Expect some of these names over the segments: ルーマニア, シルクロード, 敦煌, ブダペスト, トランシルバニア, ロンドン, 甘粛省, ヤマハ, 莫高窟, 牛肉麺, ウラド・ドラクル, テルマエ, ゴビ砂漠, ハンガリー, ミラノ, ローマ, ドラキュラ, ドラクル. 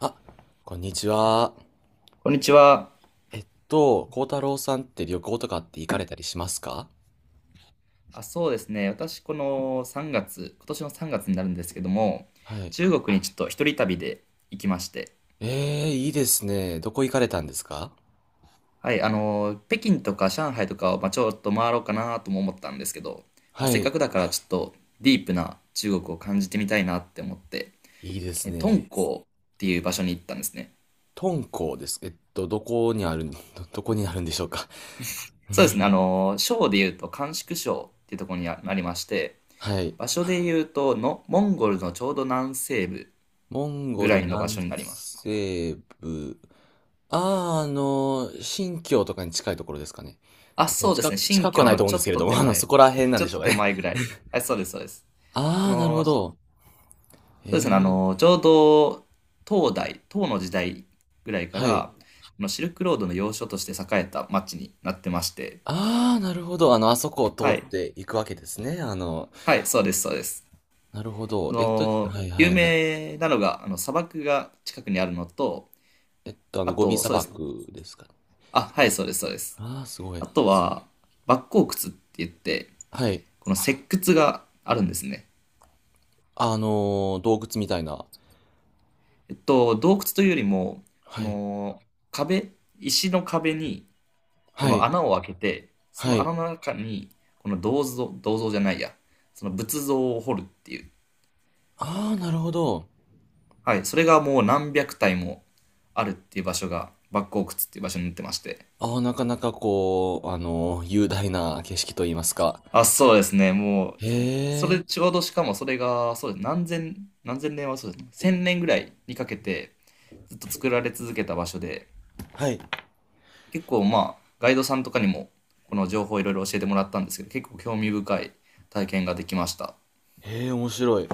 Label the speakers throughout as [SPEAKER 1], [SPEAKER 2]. [SPEAKER 1] あ、こんにちは。
[SPEAKER 2] こんにちは。
[SPEAKER 1] 幸太郎さんって旅行とかって行かれたりしますか？
[SPEAKER 2] あ、そうですね。私、この3月、今年の3月になるんですけども、
[SPEAKER 1] はい。
[SPEAKER 2] 中国にちょっと一人旅で行きまして、
[SPEAKER 1] えー、いいですね。どこ行かれたんですか？
[SPEAKER 2] はい、北京とか上海とかを、まあ、ちょっと回ろうかなとも思ったんですけど、まあ、
[SPEAKER 1] は
[SPEAKER 2] せっか
[SPEAKER 1] い。
[SPEAKER 2] くだからちょっとディープな中国を感じてみたいなって思って、
[SPEAKER 1] いいです
[SPEAKER 2] 敦
[SPEAKER 1] ね。
[SPEAKER 2] 煌っていう場所に行ったんですね。
[SPEAKER 1] 敦煌です。どこにあるん、ど、どこにあるんでしょうか？
[SPEAKER 2] そうですね。省で言うと甘粛省っていうところにあなりまして、
[SPEAKER 1] はい。
[SPEAKER 2] 場所で言うとの、モンゴルのちょうど南西部
[SPEAKER 1] モン
[SPEAKER 2] ぐ
[SPEAKER 1] ゴ
[SPEAKER 2] ら
[SPEAKER 1] ル
[SPEAKER 2] いの場
[SPEAKER 1] 南
[SPEAKER 2] 所になります。
[SPEAKER 1] 西部。あー、あの、新疆とかに近いところですかね。
[SPEAKER 2] あ、そうです
[SPEAKER 1] 近
[SPEAKER 2] ね。
[SPEAKER 1] く、
[SPEAKER 2] 新
[SPEAKER 1] 近くは
[SPEAKER 2] 京
[SPEAKER 1] ない
[SPEAKER 2] の
[SPEAKER 1] と思うんですけれども、あの、そこら辺なん
[SPEAKER 2] ちょ
[SPEAKER 1] で
[SPEAKER 2] っ
[SPEAKER 1] しょ
[SPEAKER 2] と
[SPEAKER 1] うか
[SPEAKER 2] 手
[SPEAKER 1] ね。
[SPEAKER 2] 前ぐらい。あ、そうです、そうです。
[SPEAKER 1] あー、なるほ
[SPEAKER 2] そ
[SPEAKER 1] ど。え
[SPEAKER 2] うですね。
[SPEAKER 1] ー、
[SPEAKER 2] ちょうど、唐の時代ぐらいか
[SPEAKER 1] はい。
[SPEAKER 2] ら、シルクロードの要所として栄えた町になってまして。
[SPEAKER 1] ああ、なるほど。あの、あそこを通
[SPEAKER 2] はい。
[SPEAKER 1] っていくわけですね。あの、
[SPEAKER 2] はい、そうです、そうです。
[SPEAKER 1] なるほど。はいは
[SPEAKER 2] 有
[SPEAKER 1] いはい。
[SPEAKER 2] 名なのが、砂漠が近くにあるのと、
[SPEAKER 1] えっと、あ
[SPEAKER 2] あ
[SPEAKER 1] の、ゴビ
[SPEAKER 2] と、
[SPEAKER 1] 砂
[SPEAKER 2] そうです。
[SPEAKER 1] 漠ですかね。
[SPEAKER 2] あ、はい、そうです、そうです。
[SPEAKER 1] ああ、すご
[SPEAKER 2] あ
[SPEAKER 1] い。
[SPEAKER 2] とは、莫高窟って言って、
[SPEAKER 1] はい。
[SPEAKER 2] この石窟があるんですね。
[SPEAKER 1] あのー洞窟みたいな。
[SPEAKER 2] 洞窟というよりも、そ
[SPEAKER 1] はい。
[SPEAKER 2] の壁、石の壁にこ
[SPEAKER 1] は
[SPEAKER 2] の
[SPEAKER 1] い。
[SPEAKER 2] 穴を開けて、そ
[SPEAKER 1] は
[SPEAKER 2] の
[SPEAKER 1] い。
[SPEAKER 2] 穴の中にこの銅像、銅像じゃないや、その仏像を掘るっていう。
[SPEAKER 1] ああ、なるほど。
[SPEAKER 2] はい、それがもう何百体もあるっていう場所が、バック洞窟っていう場所になってまして。
[SPEAKER 1] ああ、なかなかこう、あのー雄大な景色といいますか。
[SPEAKER 2] あ、そうですね、もう、
[SPEAKER 1] へ
[SPEAKER 2] それ
[SPEAKER 1] え。
[SPEAKER 2] ちょうどしかもそれが、そうです、何千年はそうですね、千年ぐらいにかけてずっと作られ続けた場所で、
[SPEAKER 1] はい。
[SPEAKER 2] 結構まあガイドさんとかにもこの情報をいろいろ教えてもらったんですけど結構興味深い体験ができました。
[SPEAKER 1] へえ、面白い。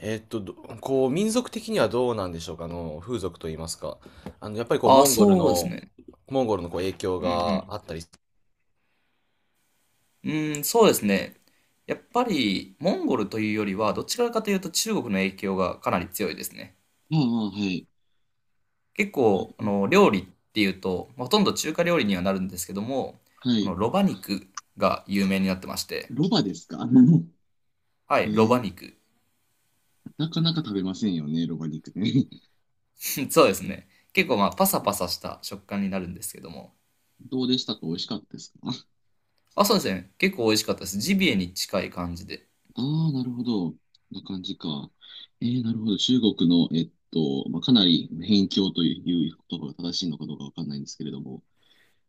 [SPEAKER 1] えーっと、どこう、民族的にはどうなんでしょうか、あの、風俗といいますか。あの、やっぱりこう、
[SPEAKER 2] ああ、そうですね。
[SPEAKER 1] モンゴルのこう影響
[SPEAKER 2] う
[SPEAKER 1] が
[SPEAKER 2] ん
[SPEAKER 1] あったり、
[SPEAKER 2] うんうん。そうですね。やっぱりモンゴルというよりはどちらかというと中国の影響がかなり強いですね。
[SPEAKER 1] ああ、はい。
[SPEAKER 2] 結構料理っていうとまあほとんど中華料理にはなるんですけども、
[SPEAKER 1] は
[SPEAKER 2] この
[SPEAKER 1] い。
[SPEAKER 2] ロバ肉が有名になってまして、
[SPEAKER 1] ロバですか？
[SPEAKER 2] は
[SPEAKER 1] え
[SPEAKER 2] い、ロバ
[SPEAKER 1] ー、
[SPEAKER 2] 肉。
[SPEAKER 1] なかなか食べませんよね、ロバ肉ね。
[SPEAKER 2] そうですね、結構まあパサパサした食感になるんですけども、
[SPEAKER 1] どうでしたか？美味しかったですか？
[SPEAKER 2] あ、そうですね。結構美味しかったです。ジビエに近い感じで。
[SPEAKER 1] ああー、なるほど。こんな感じか。えー、なるほど。中国の、えっと、まあ、かなり辺境という言葉が正しいのかどうかわかんないんですけれども。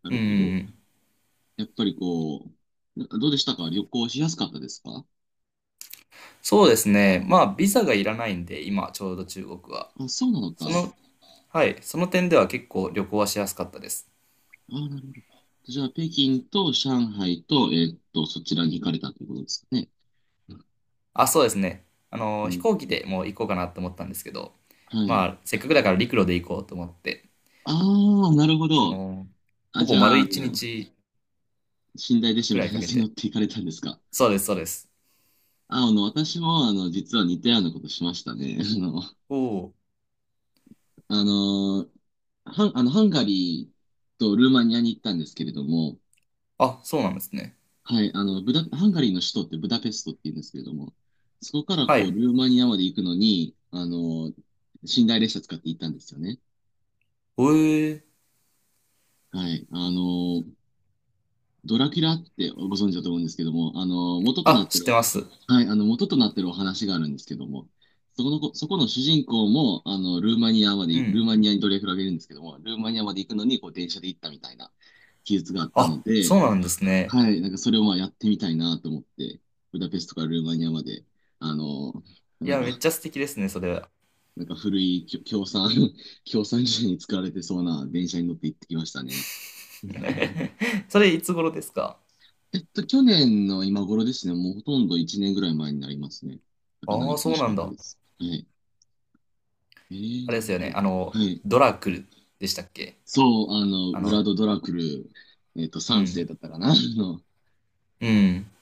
[SPEAKER 1] な
[SPEAKER 2] うん
[SPEAKER 1] る
[SPEAKER 2] うん
[SPEAKER 1] ほど。
[SPEAKER 2] うん。
[SPEAKER 1] やっぱりこう、な、どうでしたか？旅行しやすかったですか？
[SPEAKER 2] そうですね。まあ、ビザがいらないんで、今、ちょうど中国は。
[SPEAKER 1] あ、そうなの
[SPEAKER 2] そ
[SPEAKER 1] か。
[SPEAKER 2] の、はい、その点では結構旅行はしやすかったです。
[SPEAKER 1] あ、なるほど。じゃあ、北京と上海と、えーっと、そちらに行かれたということですかね。
[SPEAKER 2] あ、そうですね。
[SPEAKER 1] え
[SPEAKER 2] 飛
[SPEAKER 1] ー、
[SPEAKER 2] 行機でもう行こうかなと思ったんですけど、
[SPEAKER 1] は
[SPEAKER 2] ま
[SPEAKER 1] い。
[SPEAKER 2] あ、せっかくだから陸路で行こうと思って、
[SPEAKER 1] ああ、なるほ
[SPEAKER 2] そ
[SPEAKER 1] ど。
[SPEAKER 2] の、
[SPEAKER 1] あ、
[SPEAKER 2] ほぼ
[SPEAKER 1] じゃ
[SPEAKER 2] 丸
[SPEAKER 1] あ、あ
[SPEAKER 2] 一
[SPEAKER 1] の、
[SPEAKER 2] 日
[SPEAKER 1] 寝台列車
[SPEAKER 2] ぐ
[SPEAKER 1] み
[SPEAKER 2] ら
[SPEAKER 1] たい
[SPEAKER 2] い
[SPEAKER 1] な
[SPEAKER 2] か
[SPEAKER 1] や
[SPEAKER 2] け
[SPEAKER 1] つに乗っ
[SPEAKER 2] て。
[SPEAKER 1] て行かれたんですか。
[SPEAKER 2] そうです、そうです。
[SPEAKER 1] あ、あの、私も、あの、実は似たようなことしましたね。あの、
[SPEAKER 2] おお。
[SPEAKER 1] あの、ハン、あの、ハンガリーとルーマニアに行ったんですけれども、
[SPEAKER 2] あ、そうなんですね。
[SPEAKER 1] はい、あの、ブダ、ハンガリーの首都ってブダペストって言うんですけれども、そこから
[SPEAKER 2] は
[SPEAKER 1] こう、
[SPEAKER 2] い。
[SPEAKER 1] ルーマニアまで行くのに、あの、寝台列車使って行ったんですよね。
[SPEAKER 2] おえー。
[SPEAKER 1] はい、あの、ドラキュラってご存知だと思うんですけども、あの、元とな
[SPEAKER 2] あ、
[SPEAKER 1] って
[SPEAKER 2] 知っ
[SPEAKER 1] る、
[SPEAKER 2] てます。
[SPEAKER 1] はい、あの、元となってるお話があるんですけども、そこのこ、そこの主人公も、あの、
[SPEAKER 2] う
[SPEAKER 1] ルー
[SPEAKER 2] ん。
[SPEAKER 1] マニアにドラキュラがいるんですけども、ルーマニアまで行くのに、こう、電車で行ったみたいな記述があった
[SPEAKER 2] あ、
[SPEAKER 1] ので、
[SPEAKER 2] そうなんですね。
[SPEAKER 1] はい、なんかそれをまあやってみたいなと思って、ブダペストからルーマニアまで、あの、
[SPEAKER 2] い
[SPEAKER 1] なん
[SPEAKER 2] や、めっ
[SPEAKER 1] か、
[SPEAKER 2] ちゃ素敵ですね、それは。
[SPEAKER 1] なんか古いきょ共産、共産時代に使われてそうな電車に乗って行ってきましたね。うん。
[SPEAKER 2] それいつ頃ですか？
[SPEAKER 1] 去年の今頃ですね、もうほとんど1年ぐらい前になりますね。なかな
[SPEAKER 2] あ
[SPEAKER 1] か
[SPEAKER 2] あ、
[SPEAKER 1] 楽
[SPEAKER 2] そう
[SPEAKER 1] し
[SPEAKER 2] な
[SPEAKER 1] か
[SPEAKER 2] ん
[SPEAKER 1] った
[SPEAKER 2] だ。
[SPEAKER 1] です。はい。えー、
[SPEAKER 2] あ
[SPEAKER 1] な
[SPEAKER 2] れで
[SPEAKER 1] る
[SPEAKER 2] すよ
[SPEAKER 1] ほ
[SPEAKER 2] ね。
[SPEAKER 1] ど。はい。
[SPEAKER 2] ドラクルでしたっけ？
[SPEAKER 1] そう、あの、
[SPEAKER 2] あ
[SPEAKER 1] ウ
[SPEAKER 2] の、
[SPEAKER 1] ラド・ドラクル、えっと、
[SPEAKER 2] う
[SPEAKER 1] 3世
[SPEAKER 2] ん、
[SPEAKER 1] だったかな、あの、
[SPEAKER 2] うん。い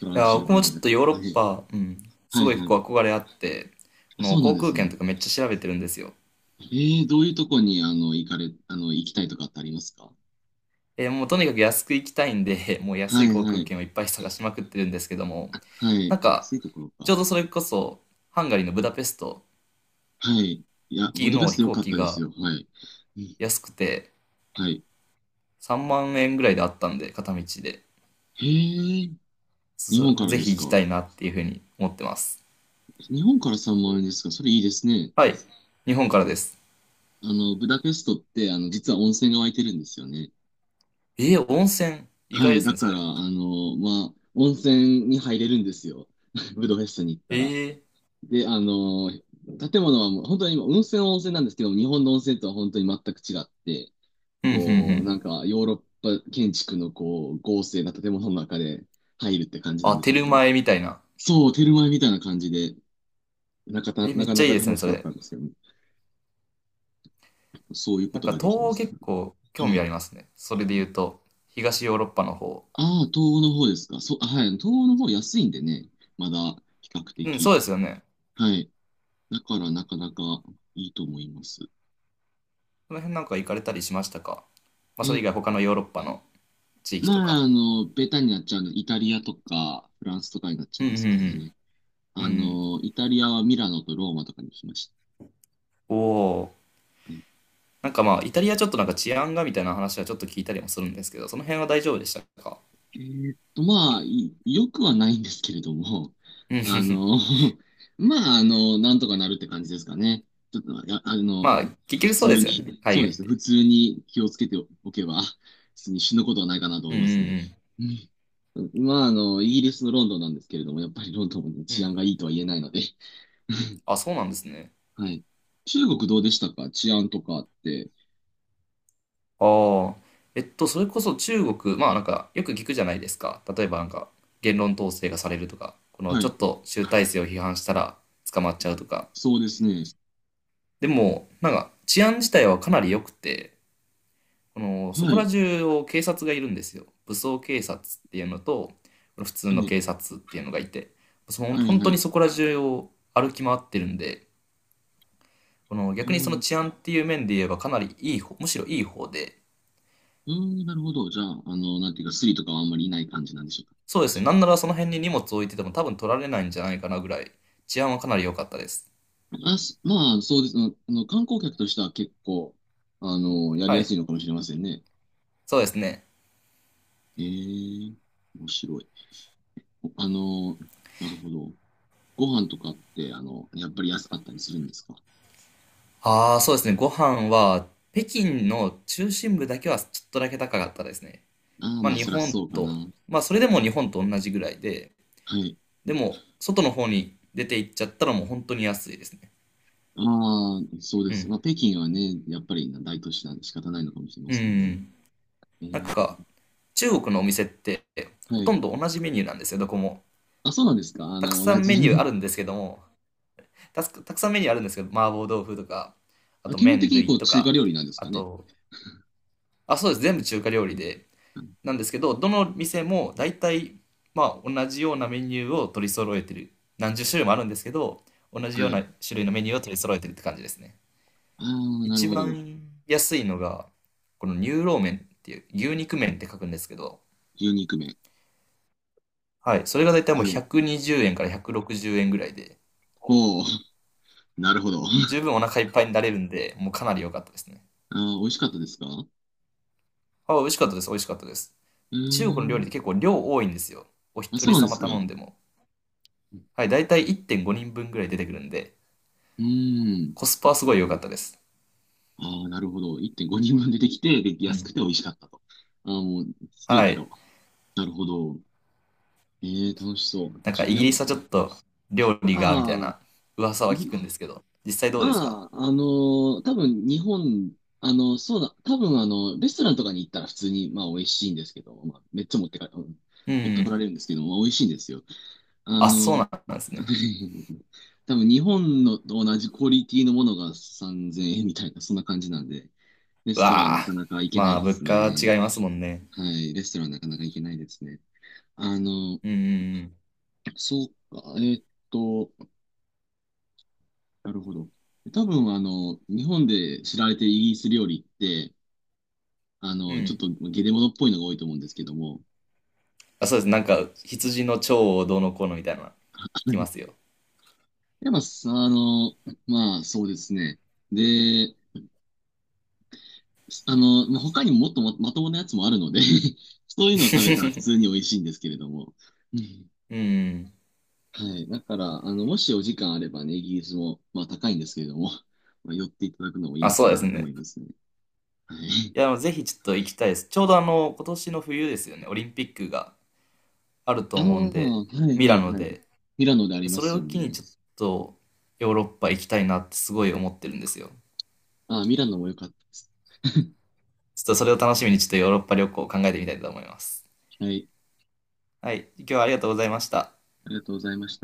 [SPEAKER 1] トラン
[SPEAKER 2] や、
[SPEAKER 1] シル
[SPEAKER 2] 僕
[SPEAKER 1] バ
[SPEAKER 2] もちょ
[SPEAKER 1] ニ
[SPEAKER 2] っとヨーロ
[SPEAKER 1] ア。は
[SPEAKER 2] ッ
[SPEAKER 1] い。
[SPEAKER 2] パ、うん、す
[SPEAKER 1] はい
[SPEAKER 2] ごい結
[SPEAKER 1] はい。
[SPEAKER 2] 構憧れあって、こ
[SPEAKER 1] あ、そ
[SPEAKER 2] の
[SPEAKER 1] うなん
[SPEAKER 2] 航
[SPEAKER 1] で
[SPEAKER 2] 空
[SPEAKER 1] す
[SPEAKER 2] 券
[SPEAKER 1] ね。
[SPEAKER 2] とかめっちゃ調べてるんですよ。
[SPEAKER 1] ええ、どういうとこに、あの、行かれ、あの、行きたいとかってありますか？
[SPEAKER 2] もうとにかく安く行きたいんで、もう安
[SPEAKER 1] は
[SPEAKER 2] い
[SPEAKER 1] い
[SPEAKER 2] 航
[SPEAKER 1] は
[SPEAKER 2] 空
[SPEAKER 1] い。
[SPEAKER 2] 券をいっぱい探しまくってるんですけども、
[SPEAKER 1] あ、は
[SPEAKER 2] な
[SPEAKER 1] い。
[SPEAKER 2] んか、
[SPEAKER 1] 安いところ
[SPEAKER 2] ちょう
[SPEAKER 1] か。
[SPEAKER 2] どそれこそ、ハンガリーのブダペスト
[SPEAKER 1] はい。いや、
[SPEAKER 2] 行
[SPEAKER 1] ブ
[SPEAKER 2] き
[SPEAKER 1] ダペ
[SPEAKER 2] の
[SPEAKER 1] ス
[SPEAKER 2] 飛
[SPEAKER 1] ト良
[SPEAKER 2] 行
[SPEAKER 1] かっ
[SPEAKER 2] 機
[SPEAKER 1] たです
[SPEAKER 2] が
[SPEAKER 1] よ。はい。うん、
[SPEAKER 2] 安くて、
[SPEAKER 1] はい。
[SPEAKER 2] 3万円ぐらいであったんで、片道で。
[SPEAKER 1] へえ、日
[SPEAKER 2] そ
[SPEAKER 1] 本か
[SPEAKER 2] う
[SPEAKER 1] ら
[SPEAKER 2] ぜ
[SPEAKER 1] で
[SPEAKER 2] ひ
[SPEAKER 1] す
[SPEAKER 2] 行きた
[SPEAKER 1] か。
[SPEAKER 2] いなっていうふうに思ってます。
[SPEAKER 1] 日本から3万円ですか。それいいですね。
[SPEAKER 2] はい。日本からです。
[SPEAKER 1] あの、ブダペストって、あの、実は温泉が湧いてるんですよね。
[SPEAKER 2] えー、温泉。意
[SPEAKER 1] は
[SPEAKER 2] 外で
[SPEAKER 1] い。
[SPEAKER 2] す
[SPEAKER 1] だ
[SPEAKER 2] ね、
[SPEAKER 1] か
[SPEAKER 2] そ
[SPEAKER 1] ら、
[SPEAKER 2] れ。
[SPEAKER 1] あの、まあ、温泉に入れるんですよ。ブダペストに行っ
[SPEAKER 2] え
[SPEAKER 1] たら。
[SPEAKER 2] ー、
[SPEAKER 1] で、あの、建物はもう、本当に今、温泉は温泉なんですけど、日本の温泉とは本当に全く違って、
[SPEAKER 2] うん、うん、う
[SPEAKER 1] こう、
[SPEAKER 2] ん。
[SPEAKER 1] なんかヨーロッパ建築のこう、豪勢な建物の中で入るって感じなん
[SPEAKER 2] あ、
[SPEAKER 1] です
[SPEAKER 2] テ
[SPEAKER 1] け
[SPEAKER 2] ル
[SPEAKER 1] ども。
[SPEAKER 2] マエみたいな。
[SPEAKER 1] そう、テルマエみたいな感じで、なか
[SPEAKER 2] え
[SPEAKER 1] た、
[SPEAKER 2] ー、め
[SPEAKER 1] な
[SPEAKER 2] っ
[SPEAKER 1] か
[SPEAKER 2] ちゃ
[SPEAKER 1] な
[SPEAKER 2] いい
[SPEAKER 1] か
[SPEAKER 2] です
[SPEAKER 1] 楽
[SPEAKER 2] ね、
[SPEAKER 1] し
[SPEAKER 2] そ
[SPEAKER 1] かっ
[SPEAKER 2] れ。
[SPEAKER 1] たんですけども、そういうこ
[SPEAKER 2] なん
[SPEAKER 1] と
[SPEAKER 2] か、
[SPEAKER 1] が
[SPEAKER 2] 東
[SPEAKER 1] できま
[SPEAKER 2] 欧
[SPEAKER 1] す
[SPEAKER 2] 結
[SPEAKER 1] ね。
[SPEAKER 2] 構
[SPEAKER 1] は
[SPEAKER 2] 興味あ
[SPEAKER 1] い。
[SPEAKER 2] りますね。それで言うと、東ヨーロッパの方。
[SPEAKER 1] ああ、東欧の方ですか。そう、あ、はい。東欧の方安いんでね、まだ比較
[SPEAKER 2] うん、そう
[SPEAKER 1] 的。
[SPEAKER 2] ですよね。
[SPEAKER 1] はい。だからなかなかいいと思います。
[SPEAKER 2] その辺なんか行かれたりしましたか？まあ、それ以
[SPEAKER 1] え、
[SPEAKER 2] 外他のヨーロッパの地域
[SPEAKER 1] ま
[SPEAKER 2] とか。
[SPEAKER 1] あ、あの、ベタになっちゃうので、イタリアとかフランスとかになっちゃ
[SPEAKER 2] う
[SPEAKER 1] い
[SPEAKER 2] ん、う
[SPEAKER 1] ますか
[SPEAKER 2] ん、
[SPEAKER 1] ね。
[SPEAKER 2] うん。うん、
[SPEAKER 1] あ
[SPEAKER 2] うん。
[SPEAKER 1] の、イタリアはミラノとローマとかに行きました。
[SPEAKER 2] おお。
[SPEAKER 1] はい、
[SPEAKER 2] なんかまあ、イタリアちょっとなんか治安がみたいな話はちょっと聞いたりもするんですけど、その辺は大丈夫でしたか？
[SPEAKER 1] えーっと、まあ、いよくはないんですけれども、
[SPEAKER 2] うん、う ん、
[SPEAKER 1] あ
[SPEAKER 2] うん。
[SPEAKER 1] の、まあ、あの、なんとかなるって感じですかね。ちょっと、あ、あの、
[SPEAKER 2] まあ、結
[SPEAKER 1] 普
[SPEAKER 2] 局そうで
[SPEAKER 1] 通
[SPEAKER 2] すよね。
[SPEAKER 1] に、そ
[SPEAKER 2] 海
[SPEAKER 1] うで
[SPEAKER 2] 外っ
[SPEAKER 1] すね、普
[SPEAKER 2] て。
[SPEAKER 1] 通に気をつけておけば、普通に死ぬことはないかなと思
[SPEAKER 2] う
[SPEAKER 1] い
[SPEAKER 2] ん
[SPEAKER 1] ます
[SPEAKER 2] う
[SPEAKER 1] ね。
[SPEAKER 2] ん
[SPEAKER 1] うん。まあ、あの、イギリスのロンドンなんですけれども、やっぱりロンドンもね
[SPEAKER 2] うん。う
[SPEAKER 1] 治安
[SPEAKER 2] ん。
[SPEAKER 1] がいいとは言えないので。
[SPEAKER 2] あ、そうなんですね。
[SPEAKER 1] はい。中国どうでしたか？治安とかって。
[SPEAKER 2] ああ。それこそ中国、まあなんか、よく聞くじゃないですか。例えばなんか、言論統制がされるとか、この
[SPEAKER 1] は
[SPEAKER 2] ちょ
[SPEAKER 1] い。
[SPEAKER 2] っと集大成を批判したら捕まっちゃうとか。
[SPEAKER 1] そうですね。
[SPEAKER 2] でも、なんか、治安自体はかなり良くて、この、そ
[SPEAKER 1] は
[SPEAKER 2] こら
[SPEAKER 1] い。
[SPEAKER 2] 中を警察がいるんですよ。武装警察っていうのと、この普通
[SPEAKER 1] は
[SPEAKER 2] の
[SPEAKER 1] い。
[SPEAKER 2] 警察っていうのがいて、その
[SPEAKER 1] はい、
[SPEAKER 2] 本
[SPEAKER 1] は
[SPEAKER 2] 当に
[SPEAKER 1] い。
[SPEAKER 2] そこら中を歩き回ってるんで、この
[SPEAKER 1] あ
[SPEAKER 2] 逆に
[SPEAKER 1] あ、
[SPEAKER 2] その
[SPEAKER 1] なる、
[SPEAKER 2] 治安っていう面で言えばかなりいい方、むしろいい方で、
[SPEAKER 1] うーん、なるほど。じゃあ、あの、なんていうか、スリとかはあんまりいない感じなんでしょ
[SPEAKER 2] そうですね、なんならその辺に荷物置いてても多分取られないんじゃないかなぐらい、治安はかなり良かったです。
[SPEAKER 1] うか。あ、す、まあ、そうです。あの、観光客としては結構、あの、やり
[SPEAKER 2] は
[SPEAKER 1] やす
[SPEAKER 2] い、
[SPEAKER 1] いのかもしれませんね。
[SPEAKER 2] そうですね。
[SPEAKER 1] ええ、面白い。あの、なるほど。ご飯とかって、あの、やっぱり安かったりするんですか？
[SPEAKER 2] ああ、そうですね、ご飯は北京の中心部だけはちょっとだけ高かったですね。
[SPEAKER 1] ああー、
[SPEAKER 2] まあ
[SPEAKER 1] まあ、
[SPEAKER 2] 日
[SPEAKER 1] そりゃ
[SPEAKER 2] 本
[SPEAKER 1] そうか
[SPEAKER 2] と、
[SPEAKER 1] な。
[SPEAKER 2] まあそれでも日本と同じぐらいで、
[SPEAKER 1] はい。
[SPEAKER 2] でも外の方に出て行っちゃったらもう本当に安いですね。
[SPEAKER 1] ああ、そうで
[SPEAKER 2] う
[SPEAKER 1] す。
[SPEAKER 2] ん。
[SPEAKER 1] まあ、北京はね、やっぱり大都市なんで仕方ないのかもしれま
[SPEAKER 2] う
[SPEAKER 1] せんね。
[SPEAKER 2] ん。
[SPEAKER 1] え
[SPEAKER 2] なん
[SPEAKER 1] え、なる
[SPEAKER 2] か
[SPEAKER 1] ほ
[SPEAKER 2] 中国のお店って
[SPEAKER 1] ど。
[SPEAKER 2] ほ
[SPEAKER 1] は
[SPEAKER 2] と
[SPEAKER 1] い。
[SPEAKER 2] んど同じメニューなんですよ、どこも。
[SPEAKER 1] あ、そうなんですか。あ
[SPEAKER 2] たく
[SPEAKER 1] の、
[SPEAKER 2] さ
[SPEAKER 1] 同
[SPEAKER 2] んメニューあ
[SPEAKER 1] じ。
[SPEAKER 2] るんですけども、たくたくさんメニューあるんですけど、麻婆豆腐とか、あ
[SPEAKER 1] あ、
[SPEAKER 2] と
[SPEAKER 1] 基本
[SPEAKER 2] 麺
[SPEAKER 1] 的にこ
[SPEAKER 2] 類
[SPEAKER 1] う、
[SPEAKER 2] と
[SPEAKER 1] 中華
[SPEAKER 2] か、
[SPEAKER 1] 料理なんです
[SPEAKER 2] あ
[SPEAKER 1] かね。
[SPEAKER 2] と、あ、そうです、全部中華料理で、なんですけど、どの店も大体、まあ、同じようなメニューを取り揃えてる。何十種類もあるんですけど、同じ
[SPEAKER 1] は
[SPEAKER 2] よう
[SPEAKER 1] い。
[SPEAKER 2] な種類のメニューを取り揃えてるって感じですね。
[SPEAKER 1] ああ、なる
[SPEAKER 2] 一
[SPEAKER 1] ほど。
[SPEAKER 2] 番安いのが、この乳老麺っていう、牛肉麺って書くんですけど、
[SPEAKER 1] 牛肉麺。
[SPEAKER 2] はい、それが大体もう
[SPEAKER 1] はい。
[SPEAKER 2] 120円から160円ぐらいで、
[SPEAKER 1] ほう、なるほど。
[SPEAKER 2] 十分お腹いっぱいになれるんで、もうかなり良かったですね。
[SPEAKER 1] ああ、美味しかったですか？う
[SPEAKER 2] あ、美味しかったです。美味しかったです。
[SPEAKER 1] ー
[SPEAKER 2] 中国の料理っ
[SPEAKER 1] ん。
[SPEAKER 2] て結構量多いんですよ。お
[SPEAKER 1] あ、
[SPEAKER 2] 一
[SPEAKER 1] そう
[SPEAKER 2] 人
[SPEAKER 1] なんで
[SPEAKER 2] 様
[SPEAKER 1] すか。
[SPEAKER 2] 頼ん
[SPEAKER 1] う
[SPEAKER 2] でも。はい、だいたい1.5人分ぐらい出てくるんで、
[SPEAKER 1] ーん。
[SPEAKER 2] コスパはすごい良かったです。
[SPEAKER 1] ああ、なるほど。1.5人分出てきて、で、
[SPEAKER 2] う
[SPEAKER 1] 安
[SPEAKER 2] ん。
[SPEAKER 1] くて美味しかったと。ああ、もう、すべ
[SPEAKER 2] は
[SPEAKER 1] て
[SPEAKER 2] い。
[SPEAKER 1] が。なるほど。ええ、楽しそう。
[SPEAKER 2] なん
[SPEAKER 1] ち
[SPEAKER 2] か
[SPEAKER 1] ょい
[SPEAKER 2] イ
[SPEAKER 1] や、
[SPEAKER 2] ギリスはちょっと料理が、みたい
[SPEAKER 1] あ
[SPEAKER 2] な噂
[SPEAKER 1] あ、
[SPEAKER 2] は聞
[SPEAKER 1] い、
[SPEAKER 2] くんですけど、実際どうですか？
[SPEAKER 1] まあ、あのー多分日本、あの、そうだ、多分あの、レストランとかに行ったら普通に、まあ、美味しいんですけど、まあ、めっちゃ持ってか、うん、
[SPEAKER 2] う
[SPEAKER 1] 持ってこら
[SPEAKER 2] ん。
[SPEAKER 1] れるんですけど、まあ、美味しいんですよ。あ
[SPEAKER 2] あ、そう
[SPEAKER 1] の、
[SPEAKER 2] なんですね。
[SPEAKER 1] 多分日本のと同じクオリティのものが3000円みたいな、そんな感じなんで、レ
[SPEAKER 2] う
[SPEAKER 1] ストランは
[SPEAKER 2] わ
[SPEAKER 1] な
[SPEAKER 2] あ。
[SPEAKER 1] かなか行けな
[SPEAKER 2] ま
[SPEAKER 1] い
[SPEAKER 2] あ、
[SPEAKER 1] で
[SPEAKER 2] 物
[SPEAKER 1] す
[SPEAKER 2] 価は違
[SPEAKER 1] ね。
[SPEAKER 2] いますもんね。
[SPEAKER 1] はい、レストランはなかなか行けないですね。あの、
[SPEAKER 2] うんうん
[SPEAKER 1] そうか、えーっと、なるほど。多分、あの、日本で知られているイギリス料理って、あ
[SPEAKER 2] うん。
[SPEAKER 1] の、
[SPEAKER 2] う
[SPEAKER 1] ちょっ
[SPEAKER 2] ん。
[SPEAKER 1] とゲレモノっぽいのが多いと思うんですけども、
[SPEAKER 2] あ、そうです。なんか、羊の腸をどうのこうのみたいな、聞きます よ。
[SPEAKER 1] やっぱ、あの、まあ、そうですね。で、あの、まあ、他にももっとま、まともなやつもあるので そういうのを食べたら普通 に美味しいんですけれども。うん、
[SPEAKER 2] うん。
[SPEAKER 1] はい。だから、あの、もしお時間あればね、イギリスも、まあ高いんですけれども、まあ、寄っていただくのもいい
[SPEAKER 2] あ、
[SPEAKER 1] の
[SPEAKER 2] そ
[SPEAKER 1] か
[SPEAKER 2] うで
[SPEAKER 1] な
[SPEAKER 2] す
[SPEAKER 1] と思い
[SPEAKER 2] ね。
[SPEAKER 1] ますね。はい。
[SPEAKER 2] いや、ぜひちょっと行きたいです。ちょうど今年の冬ですよね、オリンピックがあると
[SPEAKER 1] ああ、
[SPEAKER 2] 思うんで、
[SPEAKER 1] はい
[SPEAKER 2] ミ
[SPEAKER 1] は
[SPEAKER 2] ラ
[SPEAKER 1] い
[SPEAKER 2] ノ
[SPEAKER 1] はい。
[SPEAKER 2] で。
[SPEAKER 1] ミラノでありま
[SPEAKER 2] それ
[SPEAKER 1] す
[SPEAKER 2] を
[SPEAKER 1] よ
[SPEAKER 2] 機に
[SPEAKER 1] ね。
[SPEAKER 2] ちょっとヨーロッパ行きたいなってすごい思ってるんですよ。
[SPEAKER 1] ああ、ミラノも良かったです。
[SPEAKER 2] ちょっとそれを楽しみにちょっとヨーロッパ旅行を考えてみたいと思います。
[SPEAKER 1] はい。
[SPEAKER 2] はい、今日はありがとうございました。
[SPEAKER 1] ありがとうございました。